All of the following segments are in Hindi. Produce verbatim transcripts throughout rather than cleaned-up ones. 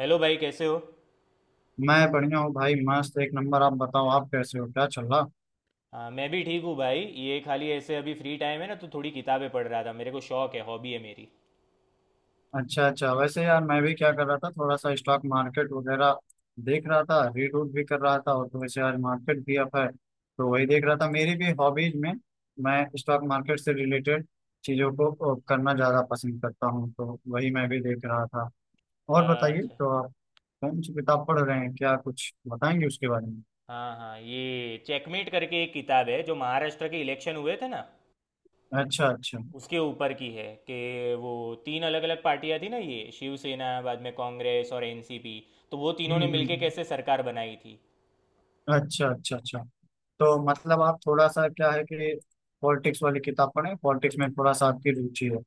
हेलो भाई, कैसे हो। मैं बढ़िया हूँ भाई मस्त एक नंबर। आप बताओ आप कैसे हो क्या चल रहा। हाँ, मैं भी ठीक हूँ भाई। ये खाली ऐसे अभी फ्री टाइम है ना, तो थोड़ी किताबें पढ़ रहा था। मेरे को शौक है, हॉबी है मेरी। अच्छा अच्छा। वैसे यार मैं भी क्या कर रहा था थोड़ा सा स्टॉक मार्केट वगैरह देख रहा था। रीड रूड भी कर रहा था और तो वैसे आज मार्केट भी अप है तो वही देख रहा था। मेरी भी हॉबीज में मैं स्टॉक मार्केट से रिलेटेड चीज़ों को अ, करना ज़्यादा पसंद करता हूँ तो वही मैं भी देख रहा था। और बताइए अच्छा, तो आप कौन सी किताब पढ़ रहे हैं, क्या कुछ बताएंगे उसके बारे में। हाँ हाँ, ये चेकमेट करके एक किताब है। जो महाराष्ट्र के इलेक्शन हुए थे ना, अच्छा अच्छा। हम्म उसके ऊपर की है कि वो तीन अलग अलग पार्टियां थी ना, ये शिवसेना, बाद में कांग्रेस और एनसीपी, तो वो तीनों हम्म ने मिलके हम्म। कैसे सरकार बनाई थी। अच्छा अच्छा अच्छा। तो मतलब आप थोड़ा सा क्या है कि पॉलिटिक्स वाली किताब पढ़ें, पॉलिटिक्स में थोड़ा सा आपकी रुचि है।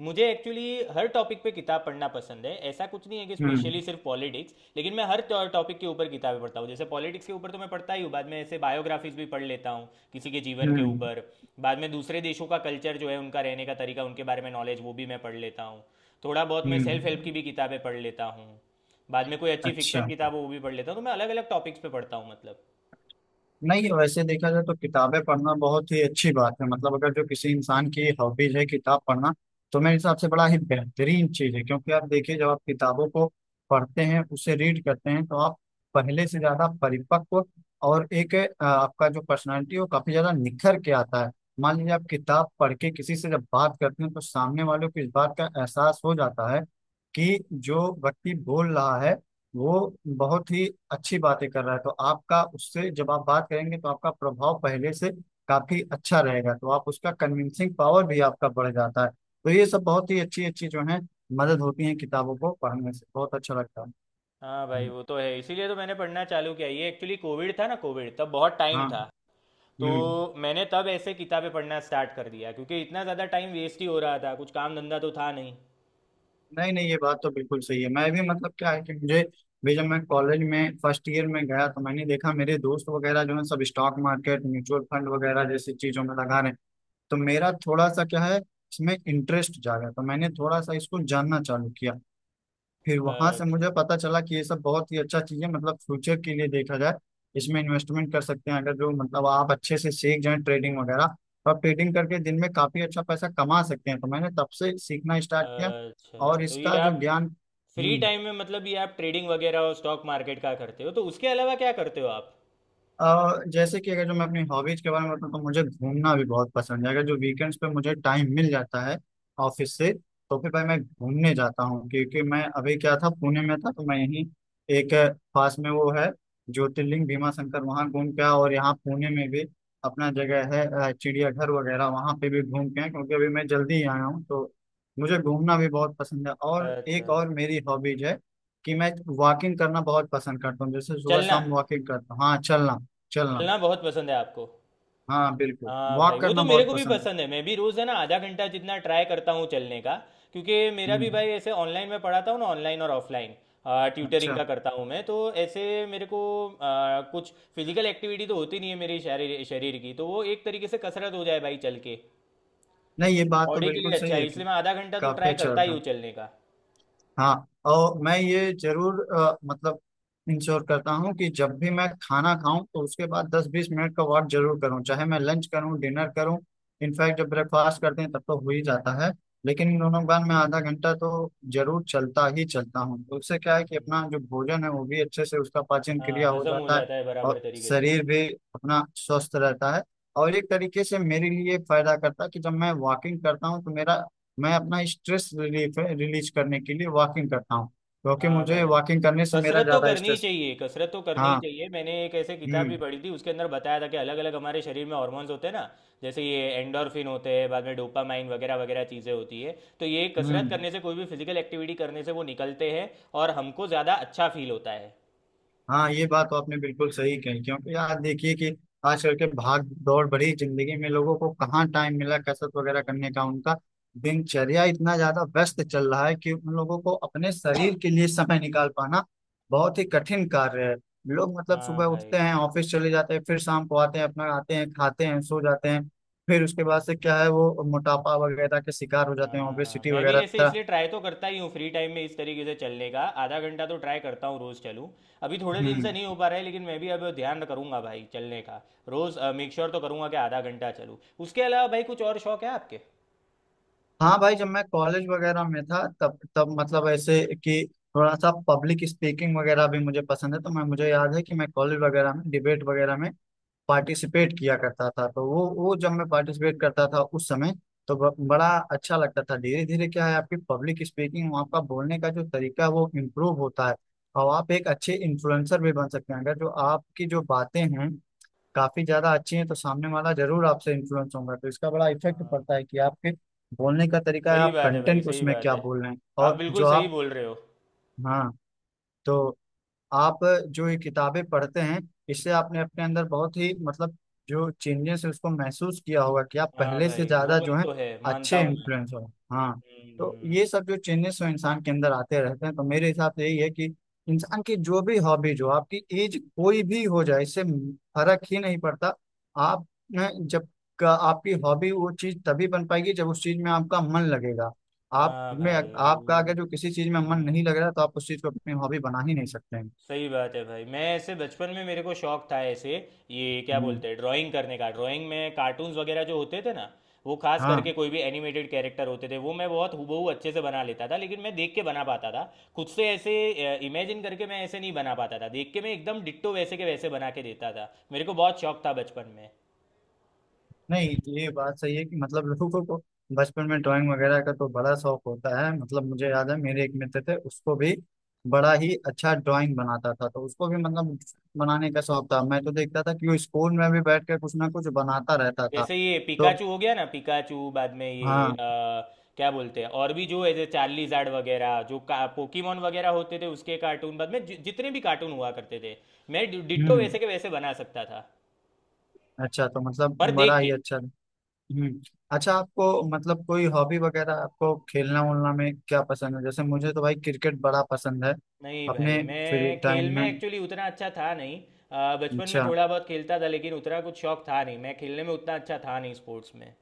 मुझे एक्चुअली हर टॉपिक पे किताब पढ़ना पसंद है। ऐसा कुछ नहीं है कि हम्म स्पेशली सिर्फ पॉलिटिक्स, लेकिन मैं हर टॉपिक के ऊपर किताबें पढ़ता हूँ। जैसे पॉलिटिक्स के ऊपर तो मैं पढ़ता ही हूँ, बाद में ऐसे बायोग्राफीज भी पढ़ लेता हूँ, किसी के जीवन के हम्म ऊपर। बाद में दूसरे देशों का कल्चर जो है, उनका रहने का तरीका, उनके बारे में नॉलेज वो भी मैं पढ़ लेता हूँ। थोड़ा बहुत मैं हम्म। सेल्फ हेल्प की भी किताबें पढ़ लेता हूँ। बाद में कोई अच्छी अच्छा। फिक्शन किताब हो वो भी पढ़ लेता हूँ। तो मैं अलग अलग टॉपिक्स पे पढ़ता हूँ, मतलब। नहीं वैसे देखा जाए तो किताबें पढ़ना बहुत ही अच्छी बात है। मतलब अगर जो किसी इंसान की हॉबीज है किताब पढ़ना तो मेरे हिसाब से बड़ा ही बेहतरीन चीज है। क्योंकि आप देखिए जब आप किताबों को पढ़ते हैं, उसे रीड करते हैं, तो आप पहले से ज्यादा परिपक्व और एक अ, आपका जो पर्सनैलिटी है वो काफी ज्यादा निखर के आता है। मान लीजिए आप किताब पढ़ के किसी से जब बात करते हैं तो सामने वाले को इस बात का एहसास हो जाता है कि जो व्यक्ति बोल रहा है वो बहुत ही अच्छी बातें कर रहा है। तो आपका उससे जब आप बात करेंगे तो आपका प्रभाव पहले से काफी अच्छा रहेगा। तो आप उसका कन्विंसिंग पावर भी आपका बढ़ जाता है। तो ये सब बहुत ही अच्छी अच्छी जो है मदद होती है किताबों को पढ़ने से, बहुत अच्छा लगता है। हाँ भाई, हम्म, वो तो है। इसीलिए तो मैंने पढ़ना चालू किया। ये एक्चुअली कोविड था ना, कोविड तब बहुत टाइम हाँ। था, तो हम्म। मैंने तब ऐसे किताबें पढ़ना स्टार्ट कर दिया। क्योंकि इतना ज़्यादा टाइम वेस्ट ही हो रहा था, कुछ काम धंधा तो था नहीं। नहीं नहीं ये बात तो बिल्कुल सही है। मैं भी मतलब क्या है कि मुझे भी जब मैं कॉलेज में फर्स्ट ईयर में गया तो मैंने देखा मेरे दोस्त वगैरह जो है सब स्टॉक मार्केट म्यूचुअल फंड वगैरह जैसी चीजों में लगा रहे हैं। तो मेरा थोड़ा सा क्या है इसमें इंटरेस्ट जागा तो मैंने थोड़ा सा इसको जानना चालू किया। फिर वहां से अच्छा। मुझे पता चला कि ये सब बहुत ही अच्छा चीज है। मतलब फ्यूचर के लिए देखा जाए इसमें इन्वेस्टमेंट कर सकते हैं। अगर जो मतलब आप अच्छे से सीख जाए ट्रेडिंग वगैरह और ट्रेडिंग करके दिन में काफी अच्छा पैसा कमा सकते हैं। तो मैंने तब से सीखना स्टार्ट किया अच्छा, और तो ये इसका जो आप ज्ञान। Free hmm. टाइम में, मतलब ये आप ट्रेडिंग वगैरह और स्टॉक मार्केट का करते हो, तो उसके अलावा क्या करते हो आप। अ, जैसे कि अगर जो मैं अपनी हॉबीज के बारे में बताऊँ तो मुझे घूमना भी बहुत पसंद है। अगर जो वीकेंड्स पे मुझे टाइम मिल जाता है ऑफिस से तो फिर भाई मैं घूमने जाता हूँ। क्योंकि मैं अभी क्या था पुणे में था तो मैं यहीं एक अ, पास में वो है ज्योतिर्लिंग भीमा शंकर वहाँ घूम के आया। और यहाँ पुणे में भी अपना जगह है अ, चिड़ियाघर वगैरह वहाँ पे भी घूम के आए। क्योंकि अभी मैं जल्दी ही आया हूँ तो मुझे घूमना भी बहुत पसंद है। और अच्छा। एक और मेरी हॉबीज है कि मैं वॉकिंग करना बहुत पसंद करता हूँ। जैसे सुबह चलना। शाम वॉकिंग करता हूँ। हाँ चलना। चलना। चलना बहुत पसंद है आपको। हाँ बिल्कुल हाँ भाई, वॉक वो तो करना मेरे बहुत को भी पसंद है। पसंद है। मैं भी रोज़ है ना, आधा घंटा जितना ट्राई करता हूँ चलने का। क्योंकि मेरा हम्म। भी भाई, ऐसे ऑनलाइन में पढ़ाता हूँ ना, ऑनलाइन और ऑफलाइन ट्यूटरिंग अच्छा। का करता हूँ मैं तो। ऐसे मेरे को आ, कुछ फिजिकल एक्टिविटी तो होती नहीं है मेरी। शरीर शरीर की तो वो एक तरीके से कसरत हो जाए भाई चल के। नहीं ये बात तो बॉडी के बिल्कुल लिए अच्छा सही है, है कि इसलिए मैं आधा घंटा तो काफी ट्राई अच्छा करता ही रहता है। हूँ चलने का। हाँ। और मैं ये जरूर अ, मतलब इंश्योर करता हूँ कि जब भी मैं खाना खाऊं तो उसके बाद दस से बीस मिनट का वॉक जरूर करूँ, चाहे मैं लंच करूँ डिनर करूँ। इनफैक्ट जब ब्रेकफास्ट करते हैं तब तो हो ही जाता है। लेकिन इन दोनों के बाद मैं आधा घंटा तो जरूर चलता ही चलता हूँ। तो उससे क्या है कि हम्म। अपना जो भोजन है वो भी अच्छे से उसका पाचन क्रिया हाँ, हो हजम हो जाता है जाता है बराबर और तरीके से। शरीर भी अपना स्वस्थ रहता है। और एक तरीके से मेरे लिए फायदा करता है कि जब मैं वॉकिंग करता हूँ तो मेरा, मैं अपना स्ट्रेस रिलीफ है रिलीज करने के लिए वॉकिंग करता हूँ क्योंकि हाँ मुझे भाई, वॉकिंग करने से मेरा कसरत तो ज्यादा करनी ही स्ट्रेस। चाहिए, कसरत तो करनी ही हाँ। चाहिए। मैंने एक ऐसे किताब भी हम्म पढ़ी थी, उसके अंदर बताया था कि अलग अलग हमारे शरीर में हॉर्मोन्स होते हैं ना, जैसे ये एंडोर्फिन होते हैं, बाद में डोपामाइन वगैरह वगैरह चीज़ें होती है। तो ये कसरत हम्म। करने से, कोई भी फिजिकल एक्टिविटी करने से वो निकलते हैं और हमको ज़्यादा अच्छा फील होता है। हाँ ये बात तो आपने बिल्कुल सही कही। क्योंकि यार देखिए कि आजकल के भाग दौड़ भरी जिंदगी में लोगों को कहाँ टाइम मिला कसरत वगैरह करने का। उनका दिनचर्या इतना ज्यादा व्यस्त चल रहा है कि उन लोगों को अपने शरीर के लिए समय निकाल पाना बहुत ही कठिन कार्य है। लोग मतलब हाँ सुबह भाई। उठते हैं, ऑफिस चले जाते हैं, फिर शाम को आते हैं, अपना आते हैं खाते हैं सो जाते हैं। फिर उसके बाद से क्या है वो मोटापा वगैरह के शिकार हो जाते हैं, हाँ हाँ, ओबेसिटी मैं भी वगैरह ऐसे तरह। इसलिए ट्राई तो करता ही हूँ फ्री टाइम में, इस तरीके से चलने का आधा घंटा तो ट्राई करता हूँ रोज़ चलूँ। अभी थोड़े दिन से हम्म। नहीं हो पा रहा है, लेकिन मैं भी अब ध्यान करूँगा भाई चलने का। रोज़ मेक श्योर तो करूँगा कि आधा घंटा चलूँ। उसके अलावा भाई कुछ और शौक है आपके। हाँ भाई जब मैं कॉलेज वगैरह में था तब तब मतलब ऐसे कि थोड़ा सा पब्लिक स्पीकिंग वगैरह भी मुझे पसंद है। तो मैं, मुझे याद है कि मैं कॉलेज वगैरह में डिबेट वगैरह में पार्टिसिपेट किया करता था। तो वो वो जब मैं पार्टिसिपेट करता था उस समय तो ब, बड़ा अच्छा लगता था। धीरे धीरे क्या है आपकी पब्लिक स्पीकिंग आपका बोलने का जो तरीका है वो इम्प्रूव होता है। और आप एक अच्छे इन्फ्लुएंसर भी बन सकते हैं। अगर जो आपकी जो बातें हैं काफी ज्यादा अच्छी हैं तो सामने वाला जरूर आपसे इन्फ्लुएंस होगा। तो इसका बड़ा इफेक्ट हाँ। पड़ता है कि आपके बोलने का तरीका है सही आप बात है भाई, कंटेंट सही उसमें बात क्या है। बोल रहे हैं। आप और बिल्कुल जो सही आप। बोल रहे हो। हाँ। तो आप जो ये किताबें पढ़ते हैं इससे आपने अपने अंदर बहुत ही मतलब जो चेंजेस है उसको महसूस किया होगा कि आप हाँ पहले से भाई, वो ज्यादा जो बात है तो है, मानता अच्छे हूँ मैं। इन्फ्लुएंस हो। हाँ। हम्म, तो हम्म, हम्म। ये सब जो चेंजेस हो इंसान के अंदर आते रहते हैं। तो मेरे हिसाब से यही है कि इंसान की जो भी हॉबीज हो आपकी एज कोई भी हो जाए इससे फर्क ही नहीं पड़ता। आप न, जब का आपकी हॉबी वो चीज तभी बन पाएगी जब उस चीज में आपका मन लगेगा। आप हाँ में भाई, वो। आपका अगर जो किसी चीज में मन हम्म। नहीं लग रहा तो आप उस चीज को अपनी हॉबी बना ही नहीं सकते हैं। सही बात है भाई। मैं ऐसे बचपन में मेरे को शौक था ऐसे, ये क्या हम्म, बोलते हैं, ड्राइंग करने का। ड्राइंग में कार्टून्स वगैरह जो होते थे ना, वो खास करके हाँ। कोई भी एनिमेटेड कैरेक्टर होते थे वो मैं बहुत हूबहू अच्छे से बना लेता था। लेकिन मैं देख के बना पाता था, खुद से ऐसे इमेजिन करके मैं ऐसे नहीं बना पाता था। देख के मैं एकदम डिट्टो वैसे के वैसे बना के देता था। मेरे को बहुत शौक था बचपन में। नहीं ये बात सही है कि मतलब लोगों को बचपन में ड्राइंग वगैरह का तो बड़ा शौक होता है। मतलब मुझे याद है मेरे एक मित्र थे उसको भी बड़ा ही अच्छा ड्राइंग बनाता था। तो उसको भी मतलब बनाने का शौक था। मैं तो देखता था कि वो स्कूल में भी बैठ कर कुछ ना कुछ बनाता रहता था। जैसे ये तो पिकाचू हो गया ना, पिकाचू, बाद में ये हाँ। अ, क्या बोलते हैं, और भी जो ऐसे चार्लीजार्ड वगैरह, जो पोकीमोन वगैरह होते थे उसके कार्टून, बाद में जि, जितने भी कार्टून हुआ करते थे मैं डि- डिट्टो हम्म। वैसे के वैसे बना सकता था, अच्छा तो मतलब पर बड़ा देख ही के। अच्छा। हम्म। अच्छा आपको मतलब कोई हॉबी वगैरह आपको खेलना उलना में क्या पसंद है? जैसे मुझे तो भाई क्रिकेट बड़ा पसंद है नहीं भाई, अपने फ्री मैं टाइम खेल में में। एक्चुअली उतना अच्छा था नहीं। अ, बचपन में अच्छा थोड़ा बहुत खेलता था लेकिन उतना कुछ शौक था नहीं। मैं खेलने में उतना अच्छा था नहीं, स्पोर्ट्स में।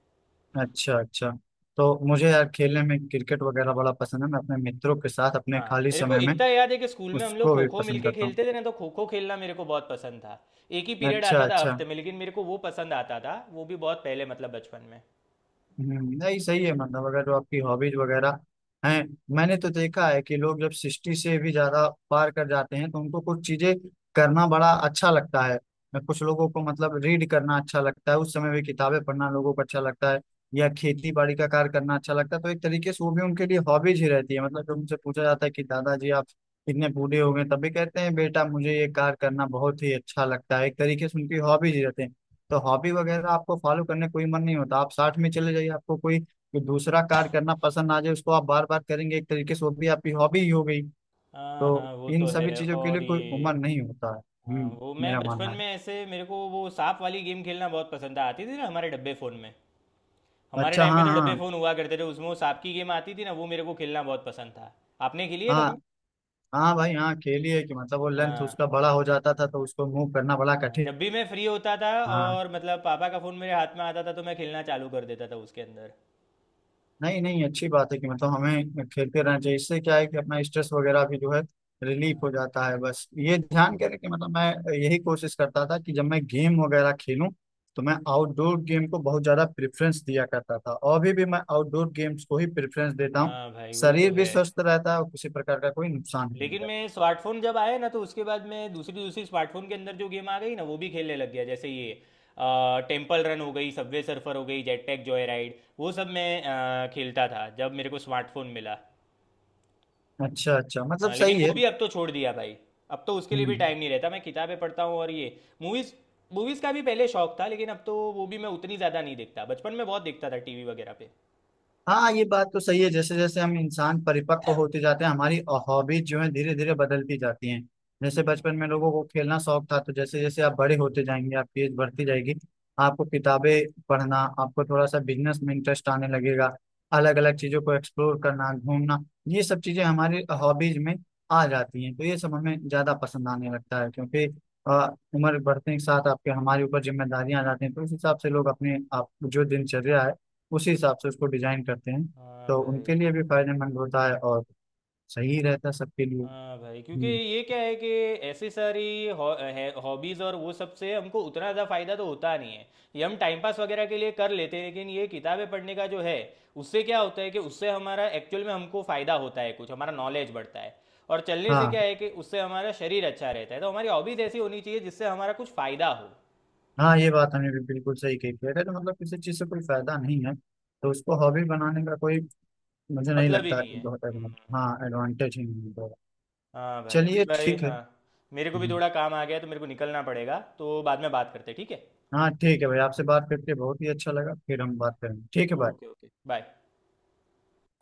अच्छा। अच्छा तो मुझे यार खेलने में क्रिकेट वगैरह बड़ा पसंद है। मैं अपने मित्रों के साथ अपने हाँ, खाली मेरे को समय में इतना याद है कि स्कूल में हम लोग उसको खो भी खो पसंद मिलके करता हूँ। खेलते थे ना, तो खो खो खेलना मेरे को बहुत पसंद था। एक ही पीरियड अच्छा आता था अच्छा। हफ्ते में, लेकिन मेरे को वो पसंद आता था। वो भी बहुत पहले, मतलब बचपन में। हम्म, नहीं सही है मतलब अगर जो आपकी हॉबीज वगैरह हैं। मैंने तो देखा है कि लोग जब सिक्सटी से भी ज्यादा पार कर जाते हैं तो उनको कुछ चीजें करना बड़ा अच्छा लगता है। कुछ लोगों को मतलब रीड करना अच्छा लगता है, उस समय भी किताबें पढ़ना लोगों को अच्छा लगता है या खेती बाड़ी का कार्य करना अच्छा लगता है। तो एक तरीके से वो भी उनके लिए हॉबीज ही रहती है। मतलब जब उनसे पूछा जाता है कि दादाजी आप इतने बूढ़े हो गए तब भी कहते हैं बेटा मुझे ये कार्य करना बहुत ही अच्छा लगता है। एक तरीके से उनकी हॉबीज ही रहते हैं। तो हॉबी वगैरह आपको फॉलो करने कोई मन नहीं होता, आप साथ में चले जाइए आपको कोई कोई दूसरा कार्य करना पसंद आ जाए उसको आप बार बार करेंगे, एक तरीके से वो भी आपकी हॉबी ही हो गई। हाँ तो हाँ, वो इन तो सभी है। चीजों के और लिए कोई ये, उम्र नहीं होता है। हाँ, हम्म। वो मैं मेरा बचपन मानना में ऐसे, मेरे को वो सांप वाली गेम खेलना बहुत पसंद था। आती थी ना हमारे डब्बे फ़ोन में। है। हमारे अच्छा टाइम पे हाँ तो हाँ। डब्बे फ़ोन हुआ करते थे, उसमें वो सांप की गेम आती थी ना, वो मेरे को खेलना बहुत पसंद था। आपने खेली है हाँ कभी। हाँ भाई हाँ खेली है कि मतलब वो लेंथ हाँ। उसका बड़ा हो जाता था हाँ तो हाँ। उसको मूव करना बड़ा हाँ, कठिन। जब भी मैं फ्री होता था हाँ। और मतलब पापा का फोन मेरे हाथ में आता था तो मैं खेलना चालू कर देता था उसके अंदर। नहीं नहीं अच्छी बात है कि मतलब हमें खेलते रहना चाहिए। इससे क्या है कि अपना स्ट्रेस वगैरह भी जो है रिलीफ हो हाँ। जाता है। बस ये ध्यान करें कि मतलब मैं यही कोशिश करता था कि जब मैं गेम वगैरह खेलूं तो मैं आउटडोर गेम को बहुत ज़्यादा प्रेफरेंस दिया करता था और अभी भी मैं आउटडोर गेम्स को ही प्रेफरेंस देता हूँ। हाँ भाई, वो तो शरीर भी है। स्वस्थ रहता है और किसी प्रकार का कोई नुकसान नहीं लेकिन मैं, रहता। स्मार्टफोन जब आए ना, तो उसके बाद मैं दूसरी दूसरी स्मार्टफोन के अंदर जो गेम आ गई ना, वो भी खेलने लग गया। जैसे ये टेम्पल रन हो गई, सबवे सर्फर हो गई, जेट पैक जॉय राइड, वो सब मैं अ, खेलता था जब मेरे को स्मार्टफोन मिला। अच्छा अच्छा मतलब हाँ लेकिन सही वो है। भी अब तो छोड़ दिया भाई। अब तो उसके लिए भी हम्म। टाइम नहीं रहता। मैं किताबें पढ़ता हूँ और ये मूवीज़। मूवीज़ का भी पहले शौक था, लेकिन अब तो वो भी मैं उतनी ज़्यादा नहीं देखता। बचपन में बहुत देखता था टीवी वगैरह पे। हाँ ये बात तो सही है, जैसे जैसे हम इंसान परिपक्व होते जाते हैं हमारी हॉबीज जो है धीरे धीरे बदलती जाती हैं। जैसे हम्म, बचपन में लोगों को खेलना शौक था, तो जैसे जैसे आप बड़े होते जाएंगे आपकी एज बढ़ती जाएगी आपको किताबें पढ़ना, आपको थोड़ा सा बिजनेस में इंटरेस्ट आने लगेगा, अलग अलग हम्म, चीजों को एक्सप्लोर करना, घूमना, ये सब चीजें हमारी हॉबीज में आ जाती हैं। तो ये सब हमें ज्यादा पसंद आने लगता है क्योंकि अ, उम्र बढ़ने के साथ आपके हमारे ऊपर जिम्मेदारियां आ जाती हैं तो उस हिसाब से लोग अपने आप जो दिनचर्या है उसी हिसाब से उसको डिजाइन करते हैं। हाँ तो भाई। उनके लिए भी फायदेमंद होता है और सही रहता है सबके लिए। हाँ भाई, क्योंकि हम्म, ये क्या है कि ऐसी सारी हॉबीज़ और वो सब से हमको उतना ज़्यादा फ़ायदा तो होता नहीं है। ये हम टाइम पास वगैरह के लिए कर लेते हैं। लेकिन ये किताबें पढ़ने का जो है, उससे क्या होता है कि उससे हमारा एक्चुअल में हमको फ़ायदा होता है, कुछ हमारा नॉलेज बढ़ता है। और चलने से हाँ। क्या है कि उससे हमारा शरीर अच्छा रहता है। तो हमारी हॉबीज़ ऐसी होनी चाहिए जिससे हमारा कुछ फ़ायदा हो। हाँ ये बात हमने भी बिल्कुल सही कही कि अगर तो मतलब किसी चीज़ से कोई फायदा नहीं है तो उसको हॉबी बनाने का कोई, मुझे नहीं मतलब ही लगता नहीं कि है। बहुत हम्म। एडवांटेज, हाँ एडवांटेज ही नहीं होगा। हाँ भाई, अभी चलिए भाई, ठीक है। हाँ, मेरे को भी हम्म, थोड़ा काम आ गया है, तो मेरे को निकलना पड़ेगा। तो बाद में बात करते हैं, ठीक है। हाँ ठीक है भाई आपसे बात करके बहुत ही अच्छा लगा फिर हम बात हाँ, करेंगे ठीक है ओके भाई। Okay, bye.